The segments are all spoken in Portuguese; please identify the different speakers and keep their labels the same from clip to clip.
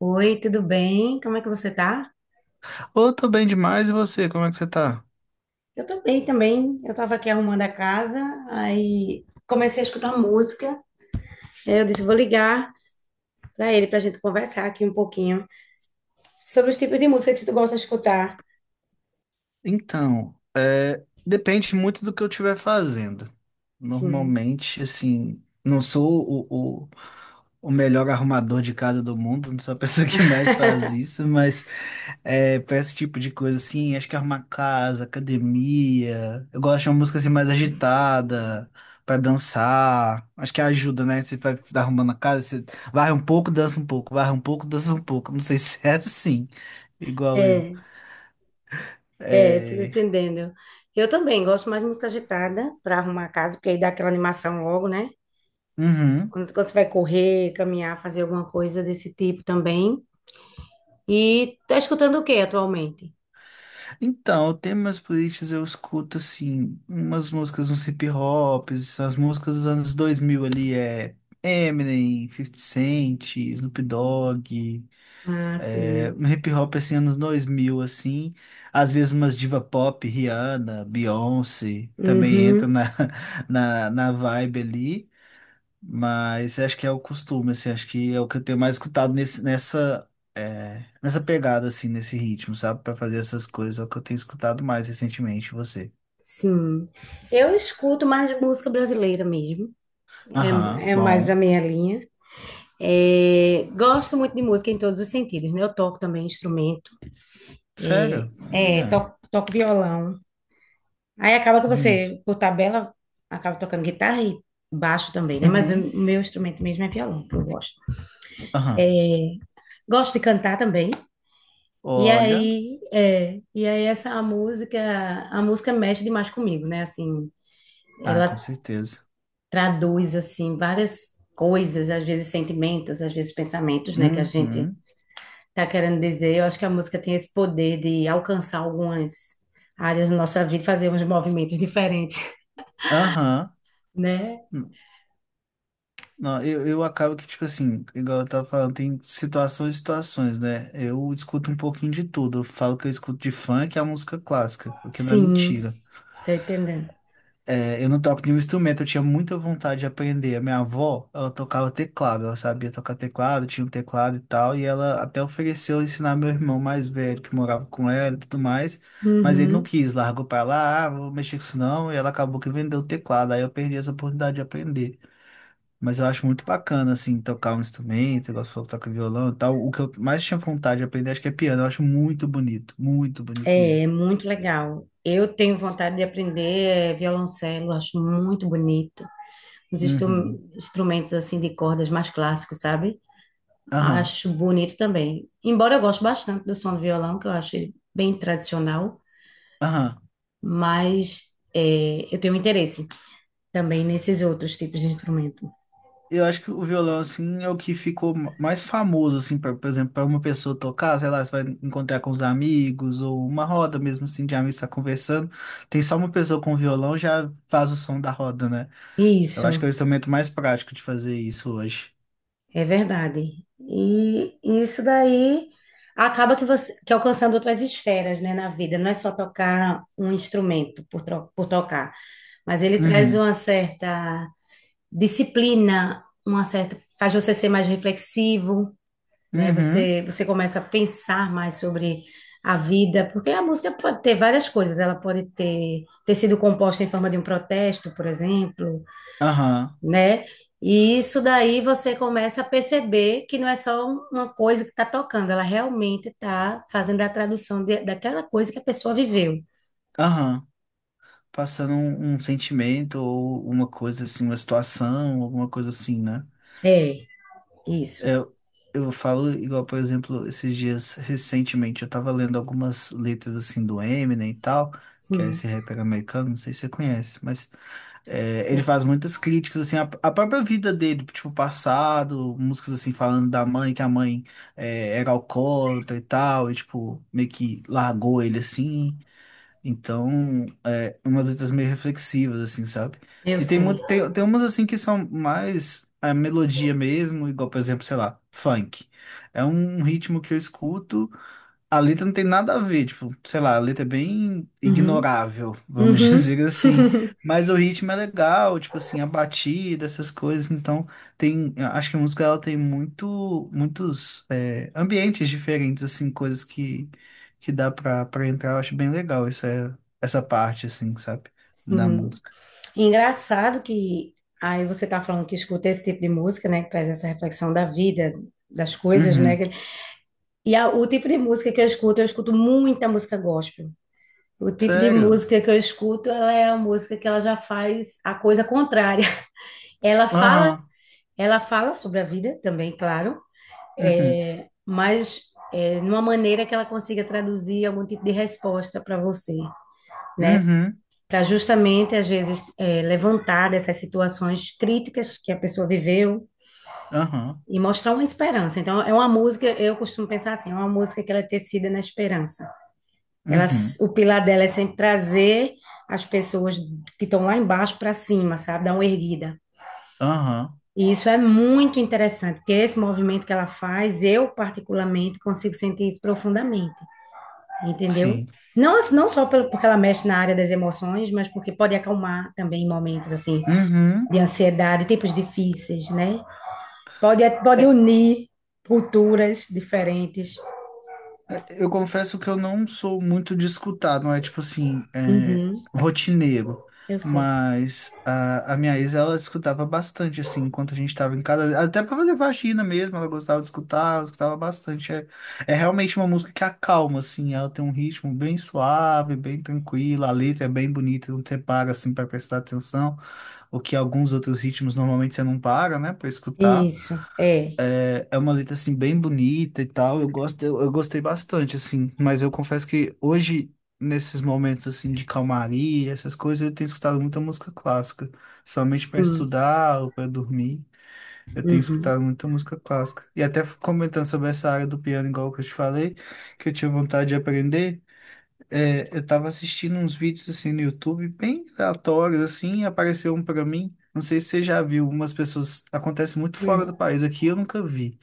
Speaker 1: Oi, tudo bem? Como é que você tá?
Speaker 2: Ô, eu tô bem demais, e você? Como é que você tá?
Speaker 1: Eu tô bem também. Eu tava aqui arrumando a casa, aí comecei a escutar música. Aí eu disse, vou ligar pra ele pra gente conversar aqui um pouquinho sobre os tipos de música que tu gosta de escutar.
Speaker 2: Então, depende muito do que eu estiver fazendo.
Speaker 1: Sim.
Speaker 2: Normalmente, assim, não sou o melhor arrumador de casa do mundo, não sou a pessoa que mais faz isso, mas pra esse tipo de coisa, assim, acho que arrumar casa, academia. Eu gosto de uma música assim mais agitada, pra dançar. Acho que ajuda, né? Você vai arrumando a casa, você varre um pouco, dança um pouco, varre um pouco, dança um pouco. Não sei se é assim, igual eu.
Speaker 1: É, é, tô
Speaker 2: É...
Speaker 1: entendendo. Eu também gosto mais de música agitada pra arrumar a casa, porque aí dá aquela animação logo, né?
Speaker 2: Uhum.
Speaker 1: Quando você vai correr, caminhar, fazer alguma coisa desse tipo também. E tá escutando o que atualmente?
Speaker 2: Então, temas políticos eu escuto, assim, umas músicas, uns hip hops, as músicas dos anos 2000 ali, Eminem, 50 Cent, Snoop Dogg,
Speaker 1: Ah, sim.
Speaker 2: um hip hop, assim, anos 2000 assim, às vezes umas diva pop, Rihanna, Beyoncé, também entra
Speaker 1: Uhum.
Speaker 2: na, na vibe ali. Mas acho que é o costume, assim, acho que é o que eu tenho mais escutado nessa pegada, assim, nesse ritmo, sabe? Pra fazer essas coisas, é o que eu tenho escutado mais recentemente, você.
Speaker 1: Sim, eu escuto mais música brasileira mesmo,
Speaker 2: Aham,
Speaker 1: é, é mais a
Speaker 2: bom.
Speaker 1: minha linha. É, gosto muito de música em todos os sentidos, né? Eu toco também instrumento, é,
Speaker 2: Sério?
Speaker 1: é,
Speaker 2: Olha,
Speaker 1: toco, toco violão. Aí acaba que
Speaker 2: bonito.
Speaker 1: você, por tabela, acaba tocando guitarra e baixo também, né? Mas o
Speaker 2: Uhum,
Speaker 1: meu instrumento mesmo é violão, que eu gosto.
Speaker 2: aham.
Speaker 1: Gosto de cantar também. E
Speaker 2: Olha.
Speaker 1: aí, é, e aí essa música, a música mexe demais comigo, né? Assim,
Speaker 2: Ah, com certeza.
Speaker 1: traduz assim várias coisas, às vezes sentimentos, às vezes pensamentos, né, que a gente
Speaker 2: Uhum,
Speaker 1: tá querendo dizer. Eu acho que a música tem esse poder de alcançar algumas áreas da nossa vida, fazer uns movimentos diferentes,
Speaker 2: aham.
Speaker 1: né?
Speaker 2: Não, eu acabo que, tipo assim, igual eu tava falando, tem situações e situações, né? Eu escuto um pouquinho de tudo. Eu falo que eu escuto de funk a música clássica, o que não é
Speaker 1: Sim,
Speaker 2: mentira.
Speaker 1: tô entendendo.
Speaker 2: É, eu não toco nenhum instrumento, eu tinha muita vontade de aprender. A minha avó, ela tocava teclado, ela sabia tocar teclado, tinha um teclado e tal, e ela até ofereceu ensinar meu irmão mais velho, que morava com ela e tudo mais, mas ele não
Speaker 1: Uhum.
Speaker 2: quis, largou pra lá, ah, não vou mexer com isso não, e ela acabou que vendeu o teclado, aí eu perdi essa oportunidade de aprender. Mas eu acho muito bacana, assim, tocar um instrumento, igual você falou, que toca violão e tal. O que eu mais tinha vontade de aprender, acho que é piano, eu acho muito bonito
Speaker 1: É, é
Speaker 2: mesmo.
Speaker 1: muito legal. Eu tenho vontade de aprender é, violoncelo, acho muito bonito. Os
Speaker 2: Uhum.
Speaker 1: instrumentos assim de cordas mais clássicos, sabe?
Speaker 2: Aham,
Speaker 1: Acho bonito também. Embora eu goste bastante do som do violão, que eu acho ele bem tradicional,
Speaker 2: aham.
Speaker 1: mas é, eu tenho um interesse também nesses outros tipos de instrumento.
Speaker 2: Eu acho que o violão, assim, é o que ficou mais famoso, assim, pra, por exemplo, para uma pessoa tocar, sei lá, você vai encontrar com os amigos, ou uma roda mesmo, assim, de amigos tá conversando. Tem só uma pessoa com violão, já faz o som da roda, né? Eu acho que
Speaker 1: Isso,
Speaker 2: é o instrumento mais prático de fazer isso hoje.
Speaker 1: é verdade. E isso daí acaba que você que alcançando outras esferas, né, na vida. Não é só tocar um instrumento por tocar, mas ele traz
Speaker 2: Uhum,
Speaker 1: uma certa disciplina, uma certa, faz você ser mais reflexivo, né?
Speaker 2: uhum,
Speaker 1: Você começa a pensar mais sobre a vida, porque a música pode ter várias coisas, ela pode ter sido composta em forma de um protesto, por exemplo,
Speaker 2: aham,
Speaker 1: né? E isso daí você começa a perceber que não é só uma coisa que está tocando, ela realmente está fazendo a tradução daquela coisa que a pessoa viveu.
Speaker 2: aham. Passando um sentimento ou uma coisa assim, uma situação, alguma coisa assim, né?
Speaker 1: É, isso.
Speaker 2: Eu, eu falo igual, por exemplo, esses dias recentemente eu tava lendo algumas letras assim do Eminem e tal, que é
Speaker 1: Sim,
Speaker 2: esse rapper americano, não sei se você conhece, mas ele faz muitas críticas assim à, à própria vida dele, tipo passado, músicas assim falando da mãe, que a mãe era alcoólatra e tal, e tipo meio que largou ele assim. Então, é umas letras meio reflexivas, assim, sabe?
Speaker 1: eu
Speaker 2: E tem,
Speaker 1: sei.
Speaker 2: muito, tem umas, assim, que são mais a melodia mesmo, igual, por exemplo, sei lá, funk. É um ritmo que eu escuto. A letra não tem nada a ver, tipo, sei lá, a letra é bem
Speaker 1: Uhum.
Speaker 2: ignorável, vamos
Speaker 1: Uhum.
Speaker 2: dizer assim. Mas o ritmo é legal, tipo assim, a batida, essas coisas. Então, eu acho que a música ela tem muito, muitos ambientes diferentes, assim, coisas que, dá pra, entrar. Eu acho bem legal essa parte, assim, sabe, da
Speaker 1: Sim.
Speaker 2: música.
Speaker 1: Engraçado que aí você tá falando que escuta esse tipo de música, né, que traz essa reflexão da vida, das coisas, né?
Speaker 2: Uhum.
Speaker 1: Que e a o tipo de música que eu escuto muita música gospel. O tipo de
Speaker 2: Sério?
Speaker 1: música que eu escuto, ela é a música que ela já faz a coisa contrária. Ela fala,
Speaker 2: Aham.
Speaker 1: ela fala sobre a vida também, claro,
Speaker 2: Uhum.
Speaker 1: é, mas é, numa maneira que ela consiga traduzir algum tipo de resposta para você, né?
Speaker 2: Uhum.
Speaker 1: Para justamente, às vezes, é, levantar dessas situações críticas que a pessoa viveu
Speaker 2: Aham.
Speaker 1: e mostrar uma esperança. Então, é uma música, eu costumo pensar assim, é uma música que ela é tecida na esperança. Ela,
Speaker 2: Uhum.
Speaker 1: o pilar dela é sempre trazer as pessoas que estão lá embaixo para cima, sabe? Dar uma erguida.
Speaker 2: Aham.
Speaker 1: E isso é muito interessante, porque esse movimento que ela faz, eu particularmente consigo sentir isso profundamente, entendeu?
Speaker 2: Sim.
Speaker 1: Não, não só porque ela mexe na área das emoções, mas porque pode acalmar também em momentos assim
Speaker 2: Uhum.
Speaker 1: de ansiedade, tempos difíceis, né? Pode, pode
Speaker 2: É,
Speaker 1: unir culturas diferentes.
Speaker 2: É, eu confesso que eu não sou muito de escutar, não é tipo assim,
Speaker 1: Uhum,
Speaker 2: rotineiro.
Speaker 1: eu sei.
Speaker 2: Mas a minha ex, ela escutava bastante, assim, enquanto a gente tava em casa. Até pra fazer faxina mesmo, ela gostava de escutar, ela escutava bastante. É realmente uma música que acalma, assim, ela tem um ritmo bem suave, bem tranquilo, a letra é bem bonita, não você para, assim, pra prestar atenção. O que alguns outros ritmos normalmente você não para, né, pra escutar.
Speaker 1: Isso, é,
Speaker 2: É, é uma letra assim bem bonita e tal. Eu gosto, eu gostei bastante assim, mas eu confesso que hoje nesses momentos assim de calmaria, essas coisas, eu tenho escutado muita música clássica, somente para
Speaker 1: sim.
Speaker 2: estudar ou para dormir. Eu tenho
Speaker 1: Uhum.
Speaker 2: escutado muita música clássica. E até comentando sobre essa área do piano, igual que eu te falei, que eu tinha vontade de aprender, é, eu tava assistindo uns vídeos assim no YouTube, bem aleatórios assim, e apareceu um para mim. Não sei se você já viu, umas pessoas acontece muito fora
Speaker 1: Uhum.
Speaker 2: do país, aqui eu nunca vi,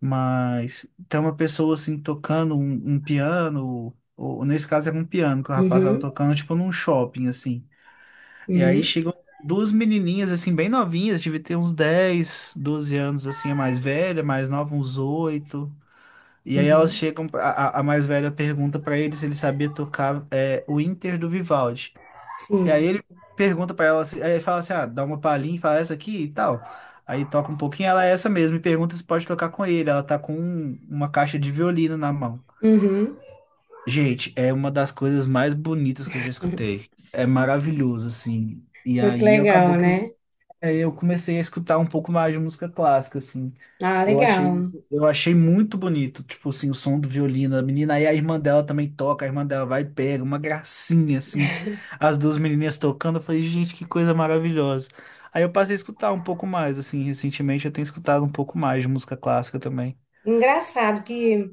Speaker 2: mas tem uma pessoa assim tocando um piano, ou nesse caso era um piano que o rapaz estava
Speaker 1: Uhum.
Speaker 2: tocando, tipo num shopping assim. E aí
Speaker 1: Uhum.
Speaker 2: chegam duas menininhas assim, bem novinhas, devia ter uns 10, 12 anos assim, a mais velha, a mais nova, uns 8. E aí elas
Speaker 1: Uhum.
Speaker 2: chegam, a mais velha pergunta pra ele se ele sabia tocar o Inter do Vivaldi. E aí
Speaker 1: Sim.
Speaker 2: ele pergunta pra ela, aí ele fala assim, ah, dá uma palhinha, e fala essa aqui e tal. Aí toca um pouquinho, ela é essa mesmo, e pergunta se pode tocar com ele. Ela tá com uma caixa de violino na mão.
Speaker 1: Uhum.
Speaker 2: Gente, é uma das coisas mais bonitas que eu já escutei. É maravilhoso, assim. E
Speaker 1: Muito
Speaker 2: aí
Speaker 1: legal,
Speaker 2: acabou que...
Speaker 1: né?
Speaker 2: Aí eu comecei a escutar um pouco mais de música clássica, assim.
Speaker 1: Ah,
Speaker 2: Eu achei,
Speaker 1: legal.
Speaker 2: eu achei muito bonito, tipo assim, o som do violino a menina. Aí a irmã dela também toca, a irmã dela vai e pega, uma gracinha, assim. As duas menininhas tocando, eu falei, gente, que coisa maravilhosa. Aí eu passei a escutar um pouco mais, assim, recentemente eu tenho escutado um pouco mais de música clássica também.
Speaker 1: Engraçado que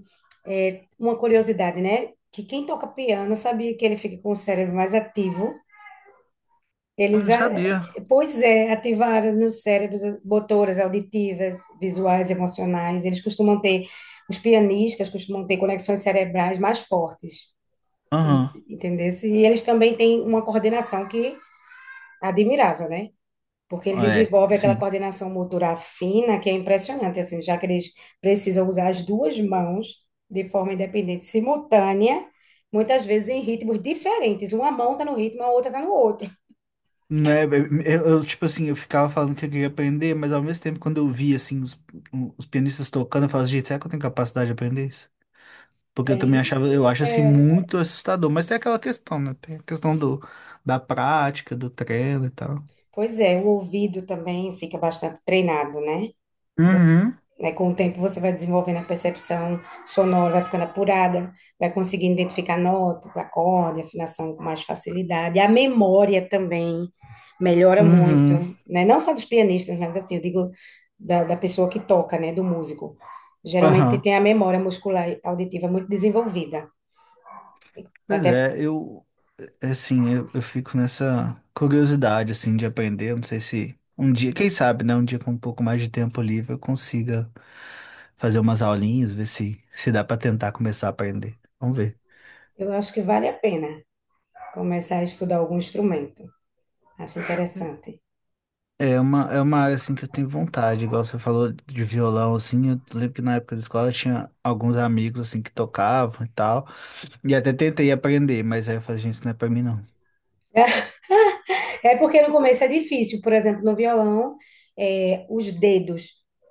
Speaker 1: é uma curiosidade, né? Que quem toca piano sabia que ele fica com o cérebro mais ativo.
Speaker 2: Eu
Speaker 1: Eles,
Speaker 2: não
Speaker 1: a-
Speaker 2: sabia.
Speaker 1: Pois é, ativaram nos cérebros as motoras auditivas, visuais, emocionais. Eles costumam ter, os pianistas costumam ter conexões cerebrais mais fortes, en-
Speaker 2: Aham,
Speaker 1: entendesse? E eles também têm uma coordenação que é admirável, né? Porque ele
Speaker 2: é,
Speaker 1: desenvolve aquela
Speaker 2: sim.
Speaker 1: coordenação motora fina que é impressionante, assim, já que eles precisam usar as duas mãos de forma independente, simultânea, muitas vezes em ritmos diferentes. Uma mão está no ritmo, a outra está no outro.
Speaker 2: Né, eu, tipo assim, eu ficava falando que eu queria aprender, mas ao mesmo tempo, quando eu via, assim, os pianistas tocando, eu falava, gente, será que eu tenho capacidade de aprender isso? Porque eu também
Speaker 1: Tem.
Speaker 2: achava, eu acho, assim, muito assustador, mas tem aquela questão, né, tem a questão do, da prática, do treino e tal.
Speaker 1: Pois é, o ouvido também fica bastante treinado, né? Com,
Speaker 2: Uhum.
Speaker 1: né, com o tempo você vai desenvolvendo a percepção sonora, vai ficando apurada, vai conseguindo identificar notas, acorde, afinação com mais facilidade. A memória também melhora muito,
Speaker 2: Uhum.
Speaker 1: né? Não só dos pianistas, mas assim, eu digo da, da pessoa que toca, né? Do músico. Geralmente
Speaker 2: Aham.
Speaker 1: tem a memória muscular e auditiva muito desenvolvida.
Speaker 2: Pois
Speaker 1: Até
Speaker 2: é, é assim, eu fico nessa curiosidade, assim, de aprender. Eu não sei se um dia, quem sabe, né, um dia com um pouco mais de tempo livre eu consiga fazer umas aulinhas, ver se, se dá pra tentar começar a aprender. Vamos ver.
Speaker 1: eu acho que vale a pena começar a estudar algum instrumento. Acho interessante.
Speaker 2: É uma área, assim, que eu tenho vontade, igual você falou de violão, assim, eu lembro que na época da escola eu tinha alguns amigos, assim, que tocavam e tal, e até tentei aprender, mas aí eu falei, gente, isso não é pra mim, não.
Speaker 1: É é, porque no começo é difícil, por exemplo, no violão, é, os dedos,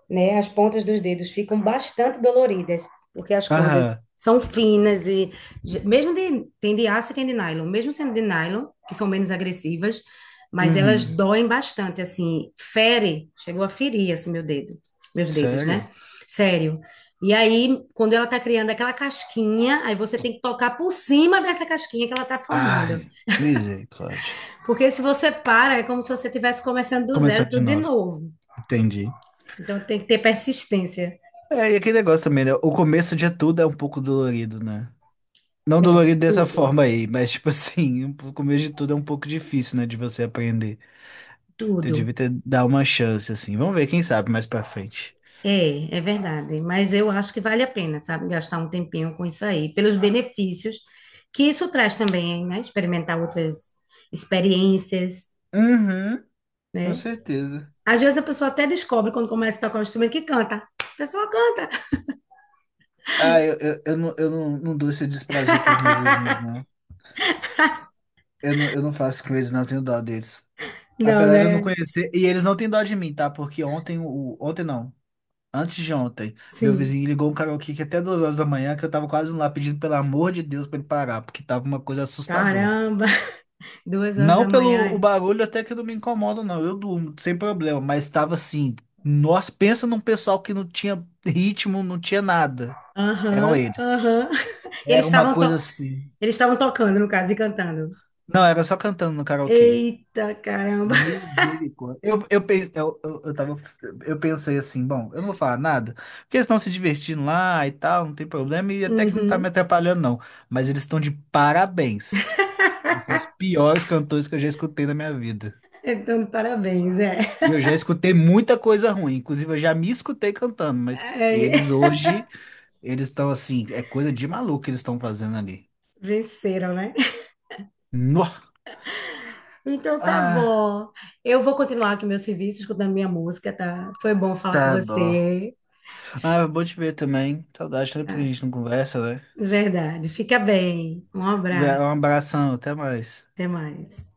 Speaker 1: né, as pontas dos dedos ficam bastante doloridas, porque as cordas
Speaker 2: Aham.
Speaker 1: são finas e mesmo de, tem de aço e tem de nylon, mesmo sendo de nylon, que são menos agressivas, mas elas
Speaker 2: Uhum.
Speaker 1: doem bastante, assim, fere, chegou a ferir, assim, meu dedo, meus dedos,
Speaker 2: Sério?
Speaker 1: né? Sério. E aí, quando ela tá criando aquela casquinha, aí você tem que tocar por cima dessa casquinha que ela tá formando.
Speaker 2: Ai, misericórdia.
Speaker 1: Porque se você para, é como se você estivesse começando do zero
Speaker 2: Começando de
Speaker 1: tudo de
Speaker 2: novo.
Speaker 1: novo.
Speaker 2: Entendi.
Speaker 1: Então tem que ter persistência.
Speaker 2: É, e aquele negócio também, né? O começo de tudo é um pouco dolorido, né? Não
Speaker 1: É,
Speaker 2: dolorido dessa
Speaker 1: tudo,
Speaker 2: forma aí, mas tipo assim, o começo de tudo é um pouco difícil, né? De você aprender. Eu
Speaker 1: tudo.
Speaker 2: devia ter dar uma chance, assim. Vamos ver, quem sabe, mais pra frente.
Speaker 1: É, é verdade. Mas eu acho que vale a pena, sabe, gastar um tempinho com isso aí, pelos benefícios que isso traz também, né? Experimentar outras experiências,
Speaker 2: Uhum, com
Speaker 1: né?
Speaker 2: certeza.
Speaker 1: Às vezes a pessoa até descobre quando começa a tocar um instrumento que canta. A pessoa canta.
Speaker 2: Ah, eu não, não dou esse desprazer pros meus vizinhos, não. Eu não faço com eles, não, eu tenho dó deles.
Speaker 1: Não,
Speaker 2: Apesar de eu não
Speaker 1: né?
Speaker 2: conhecer, e eles não têm dó de mim, tá? Porque ontem, ontem não. Antes de ontem, meu
Speaker 1: Sim.
Speaker 2: vizinho ligou um karaokê que até 2 horas da manhã, que eu tava quase lá pedindo pelo amor de Deus pra ele parar, porque tava uma coisa assustadora.
Speaker 1: Caramba! Duas horas
Speaker 2: Não
Speaker 1: da
Speaker 2: pelo o
Speaker 1: manhã.
Speaker 2: barulho, até que não me incomoda, não. Eu durmo, sem problema, mas tava assim. Nós pensa num pessoal que não tinha ritmo, não tinha nada. Eram
Speaker 1: Aham,
Speaker 2: eles.
Speaker 1: aham. Eles
Speaker 2: Era uma
Speaker 1: estavam
Speaker 2: coisa
Speaker 1: to...
Speaker 2: assim.
Speaker 1: eles estavam tocando, no caso, e cantando.
Speaker 2: Não, era só cantando no karaokê.
Speaker 1: Eita, caramba.
Speaker 2: Misericórdia. Eu, pe- eu, tava, eu pensei assim, bom, eu não vou falar nada, porque eles estão se divertindo lá e tal, não tem problema, e até que não tá
Speaker 1: Uhum.
Speaker 2: me atrapalhando, não. Mas eles estão de parabéns. Eles são os piores cantores que eu já escutei na minha vida.
Speaker 1: Então, parabéns, é.
Speaker 2: E eu já escutei muita coisa ruim, inclusive eu já me escutei cantando, mas
Speaker 1: É,
Speaker 2: eles hoje, eles estão assim, é coisa de maluco que eles estão fazendo ali.
Speaker 1: venceram, né?
Speaker 2: Nó!
Speaker 1: Então tá
Speaker 2: Ah,
Speaker 1: bom. Eu vou continuar aqui meu serviço, escutando minha música, tá? Foi bom falar com
Speaker 2: tá bom.
Speaker 1: você.
Speaker 2: Ah, vou te ver também. Saudade, tanto que a
Speaker 1: Tá.
Speaker 2: gente não conversa, né?
Speaker 1: Verdade. Fica bem. Um
Speaker 2: Um
Speaker 1: abraço.
Speaker 2: abração, até mais.
Speaker 1: Até mais.